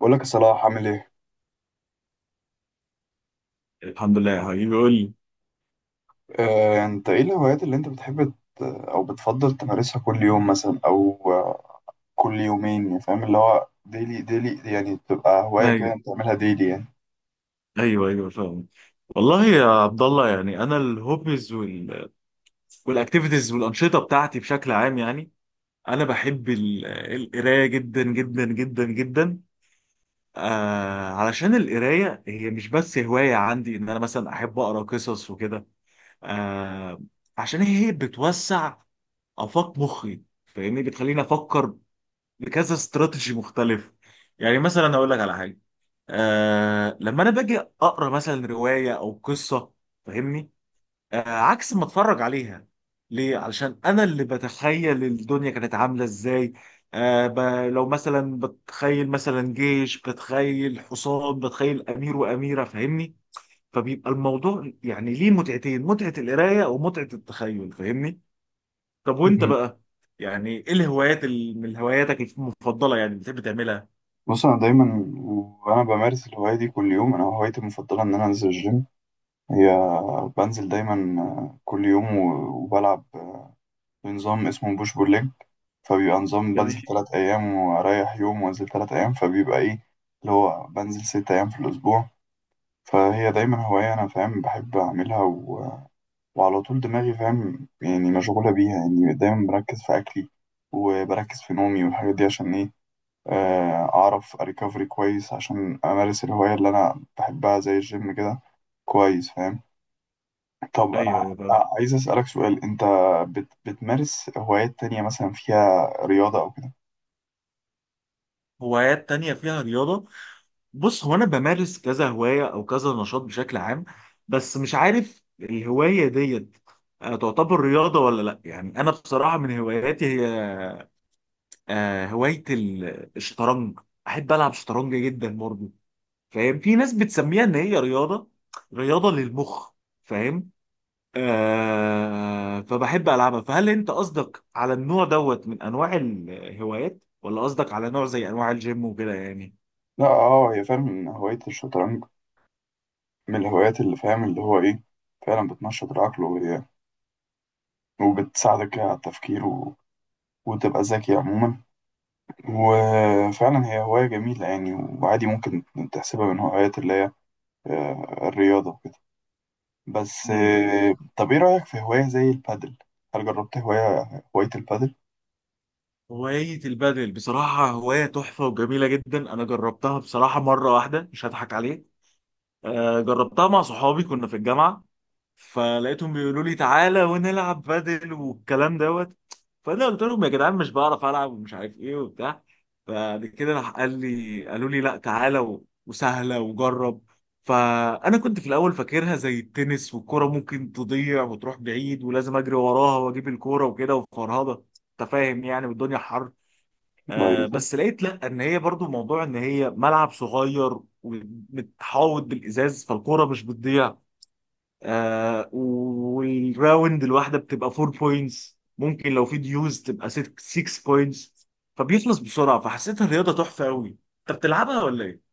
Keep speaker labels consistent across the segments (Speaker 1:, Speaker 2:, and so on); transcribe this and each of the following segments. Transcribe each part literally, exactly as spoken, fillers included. Speaker 1: بقول لك يا صلاح، عامل ايه؟
Speaker 2: الحمد لله يا حبيبي، قول لي.
Speaker 1: آه، انت ايه الهوايات اللي انت بتحب ت- او بتفضل تمارسها كل يوم مثلا او آه، كل يومين؟ يعني فاهم اللي هو ديلي ديلي، يعني تبقى هواية كده
Speaker 2: أيوه،
Speaker 1: انت تعملها ديلي يعني.
Speaker 2: أيوه، أيوه، فاهم. والله يا عبد الله، يعني أنا الهوبيز وال... والأكتيفيتيز والأنشطة بتاعتي بشكل عام، يعني أنا بحب ال- القراية جدا جدا جدا جدا. آه علشان القراية هي مش بس هواية عندي إن أنا مثلا أحب أقرأ قصص وكده. آه عشان هي بتوسع آفاق مخي، فاهمني؟ بتخليني أفكر بكذا استراتيجي مختلف. يعني مثلا أقول لك على حاجة. آه لما انا باجي اقرا مثلا روايه او قصه، فاهمني؟ آه عكس ما اتفرج عليها. ليه؟ علشان انا اللي بتخيل الدنيا كانت عامله ازاي. آه ب... لو مثلا بتخيل مثلا جيش، بتخيل حصان، بتخيل امير واميره، فاهمني؟ فبيبقى الموضوع يعني ليه متعتين، متعه القرايه ومتعه التخيل، فاهمني؟ طب وانت
Speaker 1: مم.
Speaker 2: بقى، يعني ايه الهوايات ال... من هواياتك المفضله يعني بتحب تعملها؟
Speaker 1: بص، انا دايما وانا بمارس الهواية دي كل يوم، انا هوايتي المفضلة ان انا انزل الجيم. هي بنزل دايما آه، كل يوم و- وبلعب بنظام اسمه بوش بول ليج، فبيبقى نظام
Speaker 2: جميل.
Speaker 1: بنزل تلات ايام واريح يوم وانزل تلات ايام، فبيبقى ايه اللي هو بنزل ست ايام في الاسبوع. فهي دايما هواية أنا فاهم بحب أعملها، و... وعلى طول دماغي فاهم يعني مشغولة بيها، يعني دايما بركز في أكلي وبركز في نومي والحاجات دي عشان إيه؟ آه، أعرف أريكفري كويس عشان أمارس الهواية اللي أنا بحبها زي الجيم كده، كويس فاهم. طب أنا
Speaker 2: ايوه، ايوه، فاهم.
Speaker 1: ع- عايز أسألك سؤال، أنت بت... بتمارس هوايات تانية مثلا فيها رياضة أو كده؟
Speaker 2: هوايات تانية فيها رياضة؟ بص، هو انا بمارس كذا هوايه او كذا نشاط بشكل عام، بس مش عارف الهوايه ديت آه، تعتبر رياضه ولا لا. يعني انا بصراحه من هواياتي هي آه، هوايه ال- الشطرنج. احب العب شطرنج جدا برضه. فاهم؟ في ناس بتسميها ان هي رياضه، رياضه للمخ، فاهم؟ آه، فبحب العبها. فهل انت قصدك على النوع دوت من انواع الهوايات، ولا قصدك على نوع زي انواع الجيم وكده يعني؟
Speaker 1: لا، أه هي فعلا إن هواية الشطرنج من الهوايات اللي فاهم اللي هو إيه، فعلا بتنشط العقل، وهي وبتساعدك على التفكير وتبقى ذكي عموما. وفعلا هي هواية جميلة يعني، وعادي ممكن تحسبها من هوايات اللي هي آه، الرياضة وكده. بس،
Speaker 2: ايوه، ايوه.
Speaker 1: آه، طب ايه رأيك في هواية زي البادل؟ هل جربت هواية هواية البادل؟
Speaker 2: هواية البادل بصراحة هواية تحفة وجميلة جدا. أنا جربتها بصراحة مرة واحدة، مش هضحك عليك. آه، جربتها مع صحابي كنا في الجامعة. فلقيتهم بيقولوا لي تعالى ونلعب بادل والكلام دوت. فأنا قلت لهم يا جدعان مش بعرف ألعب ومش عارف إيه وبتاع. فبعد كده راح قال لي، قالوا لي لا تعالى و- وسهلة وجرب. فأنا كنت في الأول فاكرها زي التنس والكرة ممكن تضيع وتروح بعيد ولازم أجري وراها وأجيب الكورة وكده وفرهضة، أنت فاهم يعني، والدنيا حر.
Speaker 1: لا
Speaker 2: آه،
Speaker 1: يوجد.
Speaker 2: بس لقيت لا، ان هي برضو موضوع ان هي ملعب صغير ومتحوط بالازاز، فالكوره مش بتضيع. آه، والراوند الواحده بتبقى أربعة بوينتس، ممكن لو في ديوز تبقى ستة بوينتس، فبيخلص بسرعه. فحسيتها الرياضه تحفه قوي. انت بتلعبها ولا ايه؟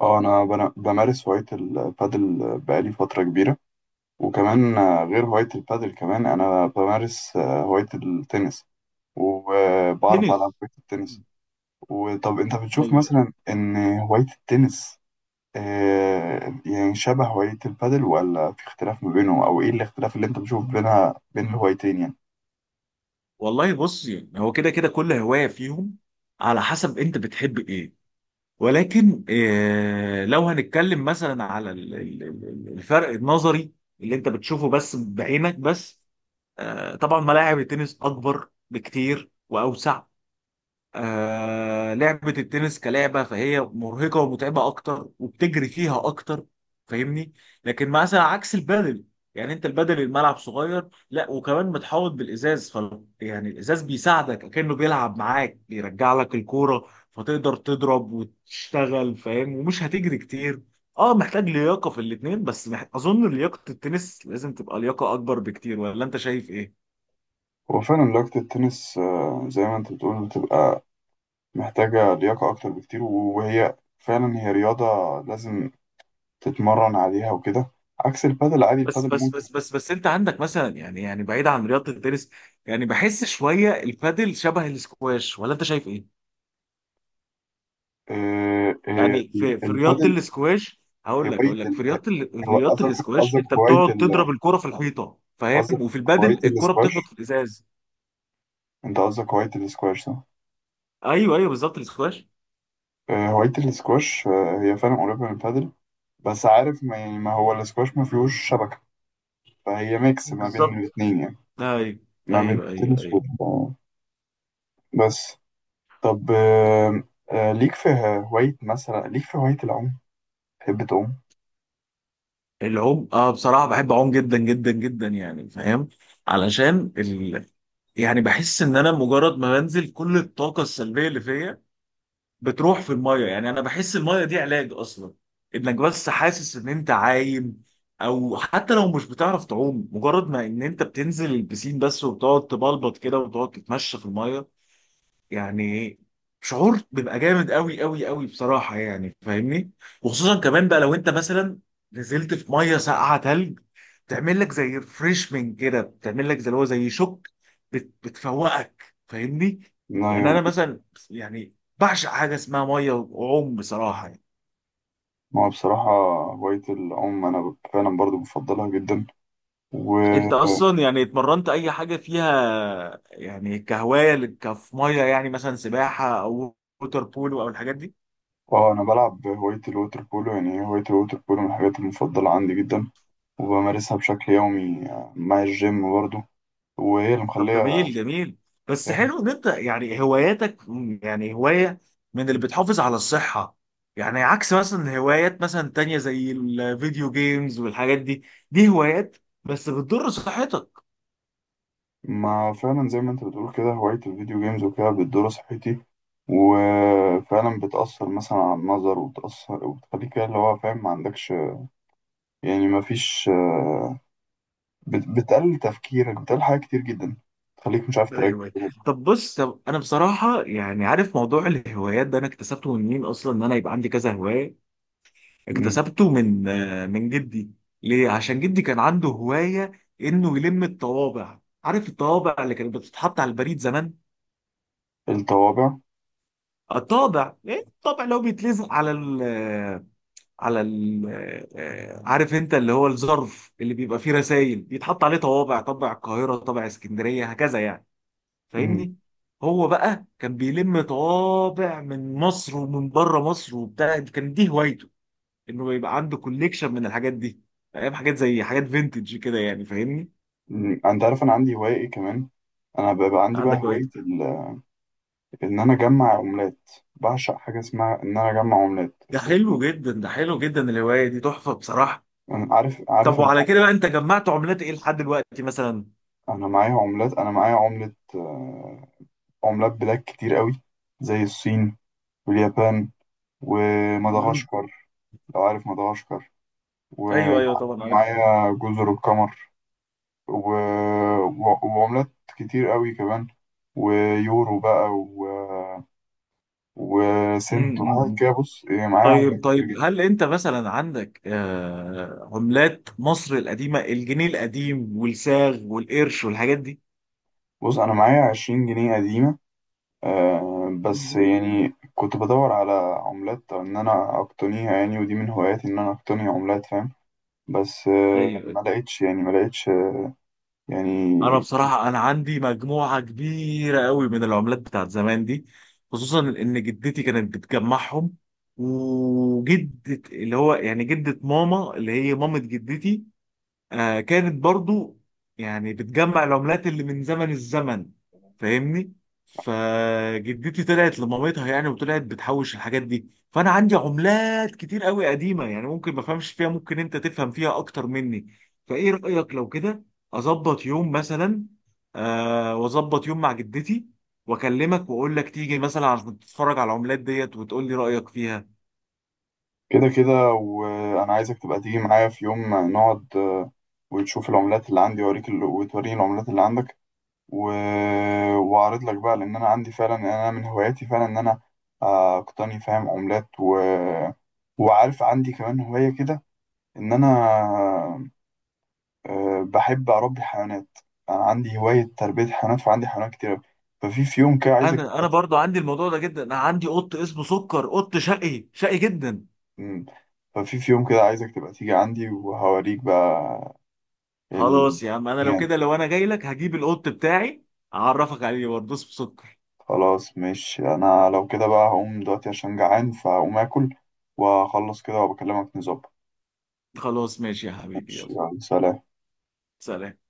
Speaker 1: اه انا بن- بمارس هواية البادل بقالي فترة كبيرة، وكمان آه، غير هواية البادل كمان انا بمارس آه، هواية التنس، وبعرف ألعب
Speaker 2: تنس.
Speaker 1: هواية التنس.
Speaker 2: مم.
Speaker 1: وطب انت بتشوف
Speaker 2: ايوه.
Speaker 1: مثلا ان هواية التنس آه، يعني شبه هواية البادل ولا في اختلاف ما بينهم، أو إيه الاختلاف اللي أنت بتشوف بينها بين الهوايتين يعني؟
Speaker 2: والله بص، يعني هو كده كده كل هوايه فيهم على حسب انت بتحب ايه. ولكن آه، لو هنتكلم مثلا على ال- ال- ال- الفرق النظري اللي انت بتشوفه بس بعينك بس. آه، طبعا ملاعب التنس اكبر بكتير واوسع. آه، لعبة التنس كلعبة فهي مرهقة ومتعبة أكتر وبتجري فيها أكتر، فاهمني؟ لكن مثلا عكس البادل، يعني أنت البادل الملعب صغير لا، وكمان متحوط بالإزاز ف يعني الإزاز بيساعدك كأنه بيلعب معاك، بيرجع لك الكورة، فتقدر تضرب وتشتغل، فاهم؟ ومش هتجري كتير. اه، محتاج لياقة في الاتنين، بس مح... أظن لياقة التنس لازم تبقى لياقة أكبر بكتير، ولا أنت شايف إيه؟
Speaker 1: هو فعلا لياقة التنس آه، زي ما أنت بتقول بتبقى محتاجة لياقة أكتر بكتير، وهي فعلا هي رياضة لازم تتمرن عليها وكده، عكس البادل، عادي
Speaker 2: بس
Speaker 1: البادل
Speaker 2: بس
Speaker 1: ممكن.
Speaker 2: بس بس بس، انت عندك مثلا، يعني يعني بعيد عن رياضه التنس، يعني بحس شويه البادل شبه الاسكواش، ولا انت شايف ايه؟
Speaker 1: آه، آه،
Speaker 2: يعني في في رياضه
Speaker 1: البادل
Speaker 2: الاسكواش. هقول لك،
Speaker 1: هواية
Speaker 2: هقول لك في
Speaker 1: ال-
Speaker 2: رياضه ال- في
Speaker 1: هو
Speaker 2: رياضه
Speaker 1: قصدك
Speaker 2: الاسكواش
Speaker 1: قصدك
Speaker 2: انت
Speaker 1: هواية
Speaker 2: بتقعد
Speaker 1: ال-
Speaker 2: تضرب الكره في الحيطه، فاهم؟
Speaker 1: قصدك
Speaker 2: وفي
Speaker 1: هواية
Speaker 2: البادل الكره بتخبط
Speaker 1: الاسكواش،
Speaker 2: في الازاز.
Speaker 1: أنت قصدك هواية الاسكواش صح؟
Speaker 2: ايوه، ايوه، بالظبط الاسكواش.
Speaker 1: آه، هواية الاسكواش آه، هي فعلا قريبة من البادل، بس عارف ما, يعني ما هو الاسكواش ما فيهوش شبكة، فهي ميكس ما بين
Speaker 2: بالظبط،
Speaker 1: الاتنين يعني،
Speaker 2: ايوه،
Speaker 1: ما بين
Speaker 2: ايوه، ايوه،
Speaker 1: التنس
Speaker 2: ايوه.
Speaker 1: وال، بس. طب، آه، آه، ليك في هواية مثلا ليك في هواية العوم، تحب تعوم؟
Speaker 2: العوم؟ اه، بصراحه بحب اعوم جدا جدا جدا، يعني فاهم؟ علشان ال... يعني بحس ان انا مجرد ما بنزل كل الطاقه السلبيه اللي فيا بتروح في الميه. يعني انا بحس الميه دي علاج اصلا، انك بس حاسس ان انت عايم. او حتى لو مش بتعرف تعوم، مجرد ما ان انت بتنزل البسين بس وبتقعد تبلبط كده وتقعد تتمشى في الميه، يعني شعور بيبقى جامد قوي قوي قوي بصراحة، يعني فاهمني. وخصوصا كمان بقى لو انت مثلا نزلت في مية ساقعة تلج، تعمل لك زي ريفريشمنت كده، بتعمل لك زي اللي هو زي شوك، بت بتفوقك، فاهمني.
Speaker 1: لا،
Speaker 2: يعني
Speaker 1: يا-
Speaker 2: انا مثلا يعني بعشق حاجة اسمها مية وعوم بصراحة، يعني.
Speaker 1: ما هو بصراحة هواية العوم أنا فعلا برضو بفضلها جدا، و
Speaker 2: انت اصلا يعني اتمرنت اي حاجة فيها يعني كهواية لك- كف مية، يعني مثلا سباحة او ووتر بولو او الحاجات دي؟
Speaker 1: اه أنا بلعب هواية الووتر بولو، يعني هواية الووتر بولو من الحاجات المفضلة عندي جدا، وبمارسها بشكل يومي مع الجيم برضو، وهي اللي
Speaker 2: طب
Speaker 1: مخلية.
Speaker 2: جميل جميل. بس
Speaker 1: يعني،
Speaker 2: حلو ان انت يعني هواياتك م- يعني هواية من اللي بتحافظ على الصحة، يعني عكس مثلا هوايات مثلا تانية زي الفيديو جيمز والحاجات دي، دي هوايات بس بتضر صحتك.
Speaker 1: ما فعلا زي ما انت بتقول كده، هواية الفيديو جيمز وكده بتضر صحتي، وفعلا بتأثر مثلا على النظر، وبتأثر وبتخليك كده اللي هو فاهم ما عندكش، يعني ما فيش آه، بت- بتقلل تفكيرك، بتقلل حاجات كتير جدا، تخليك مش عارف تركز.
Speaker 2: ايوه. طب بص، طب انا بصراحة يعني عارف موضوع الهوايات ده انا اكتسبته من مين اصلا ان انا يبقى عندي كذا هواية؟
Speaker 1: مم.
Speaker 2: اكتسبته من آه، من جدي. ليه؟ عشان جدي كان عنده هواية انه يلم الطوابع، عارف الطوابع اللي كانت بتتحط على البريد زمان؟
Speaker 1: الطوابع.
Speaker 2: الطابع، ايه الطابع اللي هو بيتلزق على ال على ال آه، عارف انت اللي هو الظرف اللي بيبقى فيه رسائل، بيتحط عليه طوابع، طابع القاهرة، طابع اسكندرية، هكذا يعني،
Speaker 1: مم.
Speaker 2: فاهمني؟ هو بقى كان بيلم طوابع من مصر ومن بره مصر وبتاع، كان دي هوايته، انه يبقى عنده كوليكشن من الحاجات دي، فاهم؟ حاجات زي حاجات فينتج كده يعني، فاهمني.
Speaker 1: مم. انت عارف انا عندي هواية ايه كمان؟ انا بيبقى عندي بقى
Speaker 2: عندك
Speaker 1: هواية
Speaker 2: هوايته؟
Speaker 1: ال- ان انا اجمع عملات، بعشق حاجة اسمها ان انا اجمع عملات.
Speaker 2: ده حلو جدا، ده حلو جدا، الهواية دي تحفة بصراحة.
Speaker 1: انا عارف عارف
Speaker 2: طب
Speaker 1: انت.
Speaker 2: وعلى كده بقى، انت جمعت عملات ايه لحد دلوقتي مثلا؟
Speaker 1: انا معايا عملات، انا معايا عملة، عملات بلاد كتير قوي، زي الصين واليابان
Speaker 2: مم.
Speaker 1: ومدغشقر، لو عارف مدغشقر،
Speaker 2: ايوه، ايوه،
Speaker 1: ومع-
Speaker 2: طبعا عارف.
Speaker 1: ومعايا جزر القمر و... و- وعملات كتير قوي كمان، ويورو بقى و...
Speaker 2: مم،
Speaker 1: وسنت
Speaker 2: مم.
Speaker 1: وحاجات
Speaker 2: مم.
Speaker 1: كده، بص إيه، معايا عملات
Speaker 2: طيب
Speaker 1: كتير
Speaker 2: طيب،
Speaker 1: جدا.
Speaker 2: هل انت مثلا عندك آه، عملات مصر القديمه، الجنيه القديم والساغ والقرش والحاجات دي؟
Speaker 1: بص أنا معايا عشرين جنيه قديمة، آه بس
Speaker 2: مم.
Speaker 1: يعني كنت بدور على عملات إن أنا أقتنيها يعني، ودي من هواياتي إن أنا أقتني عملات فاهم، بس آه
Speaker 2: ايوه،
Speaker 1: ما
Speaker 2: أيوة.
Speaker 1: لقيتش، يعني ما لقيتش يعني.
Speaker 2: انا بصراحه انا عندي مجموعه كبيره قوي من العملات بتاعت زمان دي، خصوصا ان جدتي كانت بتجمعهم. وجدة اللي هو يعني جدة ماما، اللي هي مامة جدتي، آه كانت برضو يعني بتجمع العملات اللي من زمن الزمن، فاهمني. فجدتي طلعت لمامتها يعني، وطلعت بتحوش الحاجات دي. فانا عندي عملات كتير قوي قديمه، يعني ممكن ما افهمش فيها، ممكن انت تفهم فيها اكتر مني. فايه رايك لو كده اظبط يوم مثلا، آه واظبط يوم مع جدتي، واكلمك واقول لك تيجي مثلا عشان تتفرج على العملات ديت وتقول لي رايك فيها؟
Speaker 1: كده كده وانا عايزك تبقى تيجي معايا في يوم نقعد، آه، وتشوف العملات اللي عندي وأوريك ال... وتوريني العملات اللي عندك، و... واعرض لك بقى، لان انا عندي فعلا يعني انا من هواياتي فعلا ان انا آه، اقتني فاهم عملات، و... وعارف عندي كمان هواية كده ان انا آه، بحب اربي حيوانات، انا عندي هواية تربية حيوانات، فعندي حيوانات كتير. ففي في يوم كده عايزك
Speaker 2: انا انا
Speaker 1: تبقى.
Speaker 2: برضو عندي الموضوع ده جدا. انا عندي قط اسمه سكر، قط شقي شقي جدا.
Speaker 1: مم. ففي في يوم كده عايزك تبقى تيجي عندي وهوريك بقى ال...
Speaker 2: خلاص يا عم، انا لو كده، لو انا جاي لك هجيب القط بتاعي، اعرفك عليه برضه، بس بسكر.
Speaker 1: خلاص مش، انا لو كده بقى هقوم دلوقتي عشان جعان، فهقوم اكل واخلص كده وبكلمك نظبط.
Speaker 2: خلاص ماشي يا حبيبي،
Speaker 1: ماشي،
Speaker 2: يلا.
Speaker 1: يلا، سلام.
Speaker 2: سلام.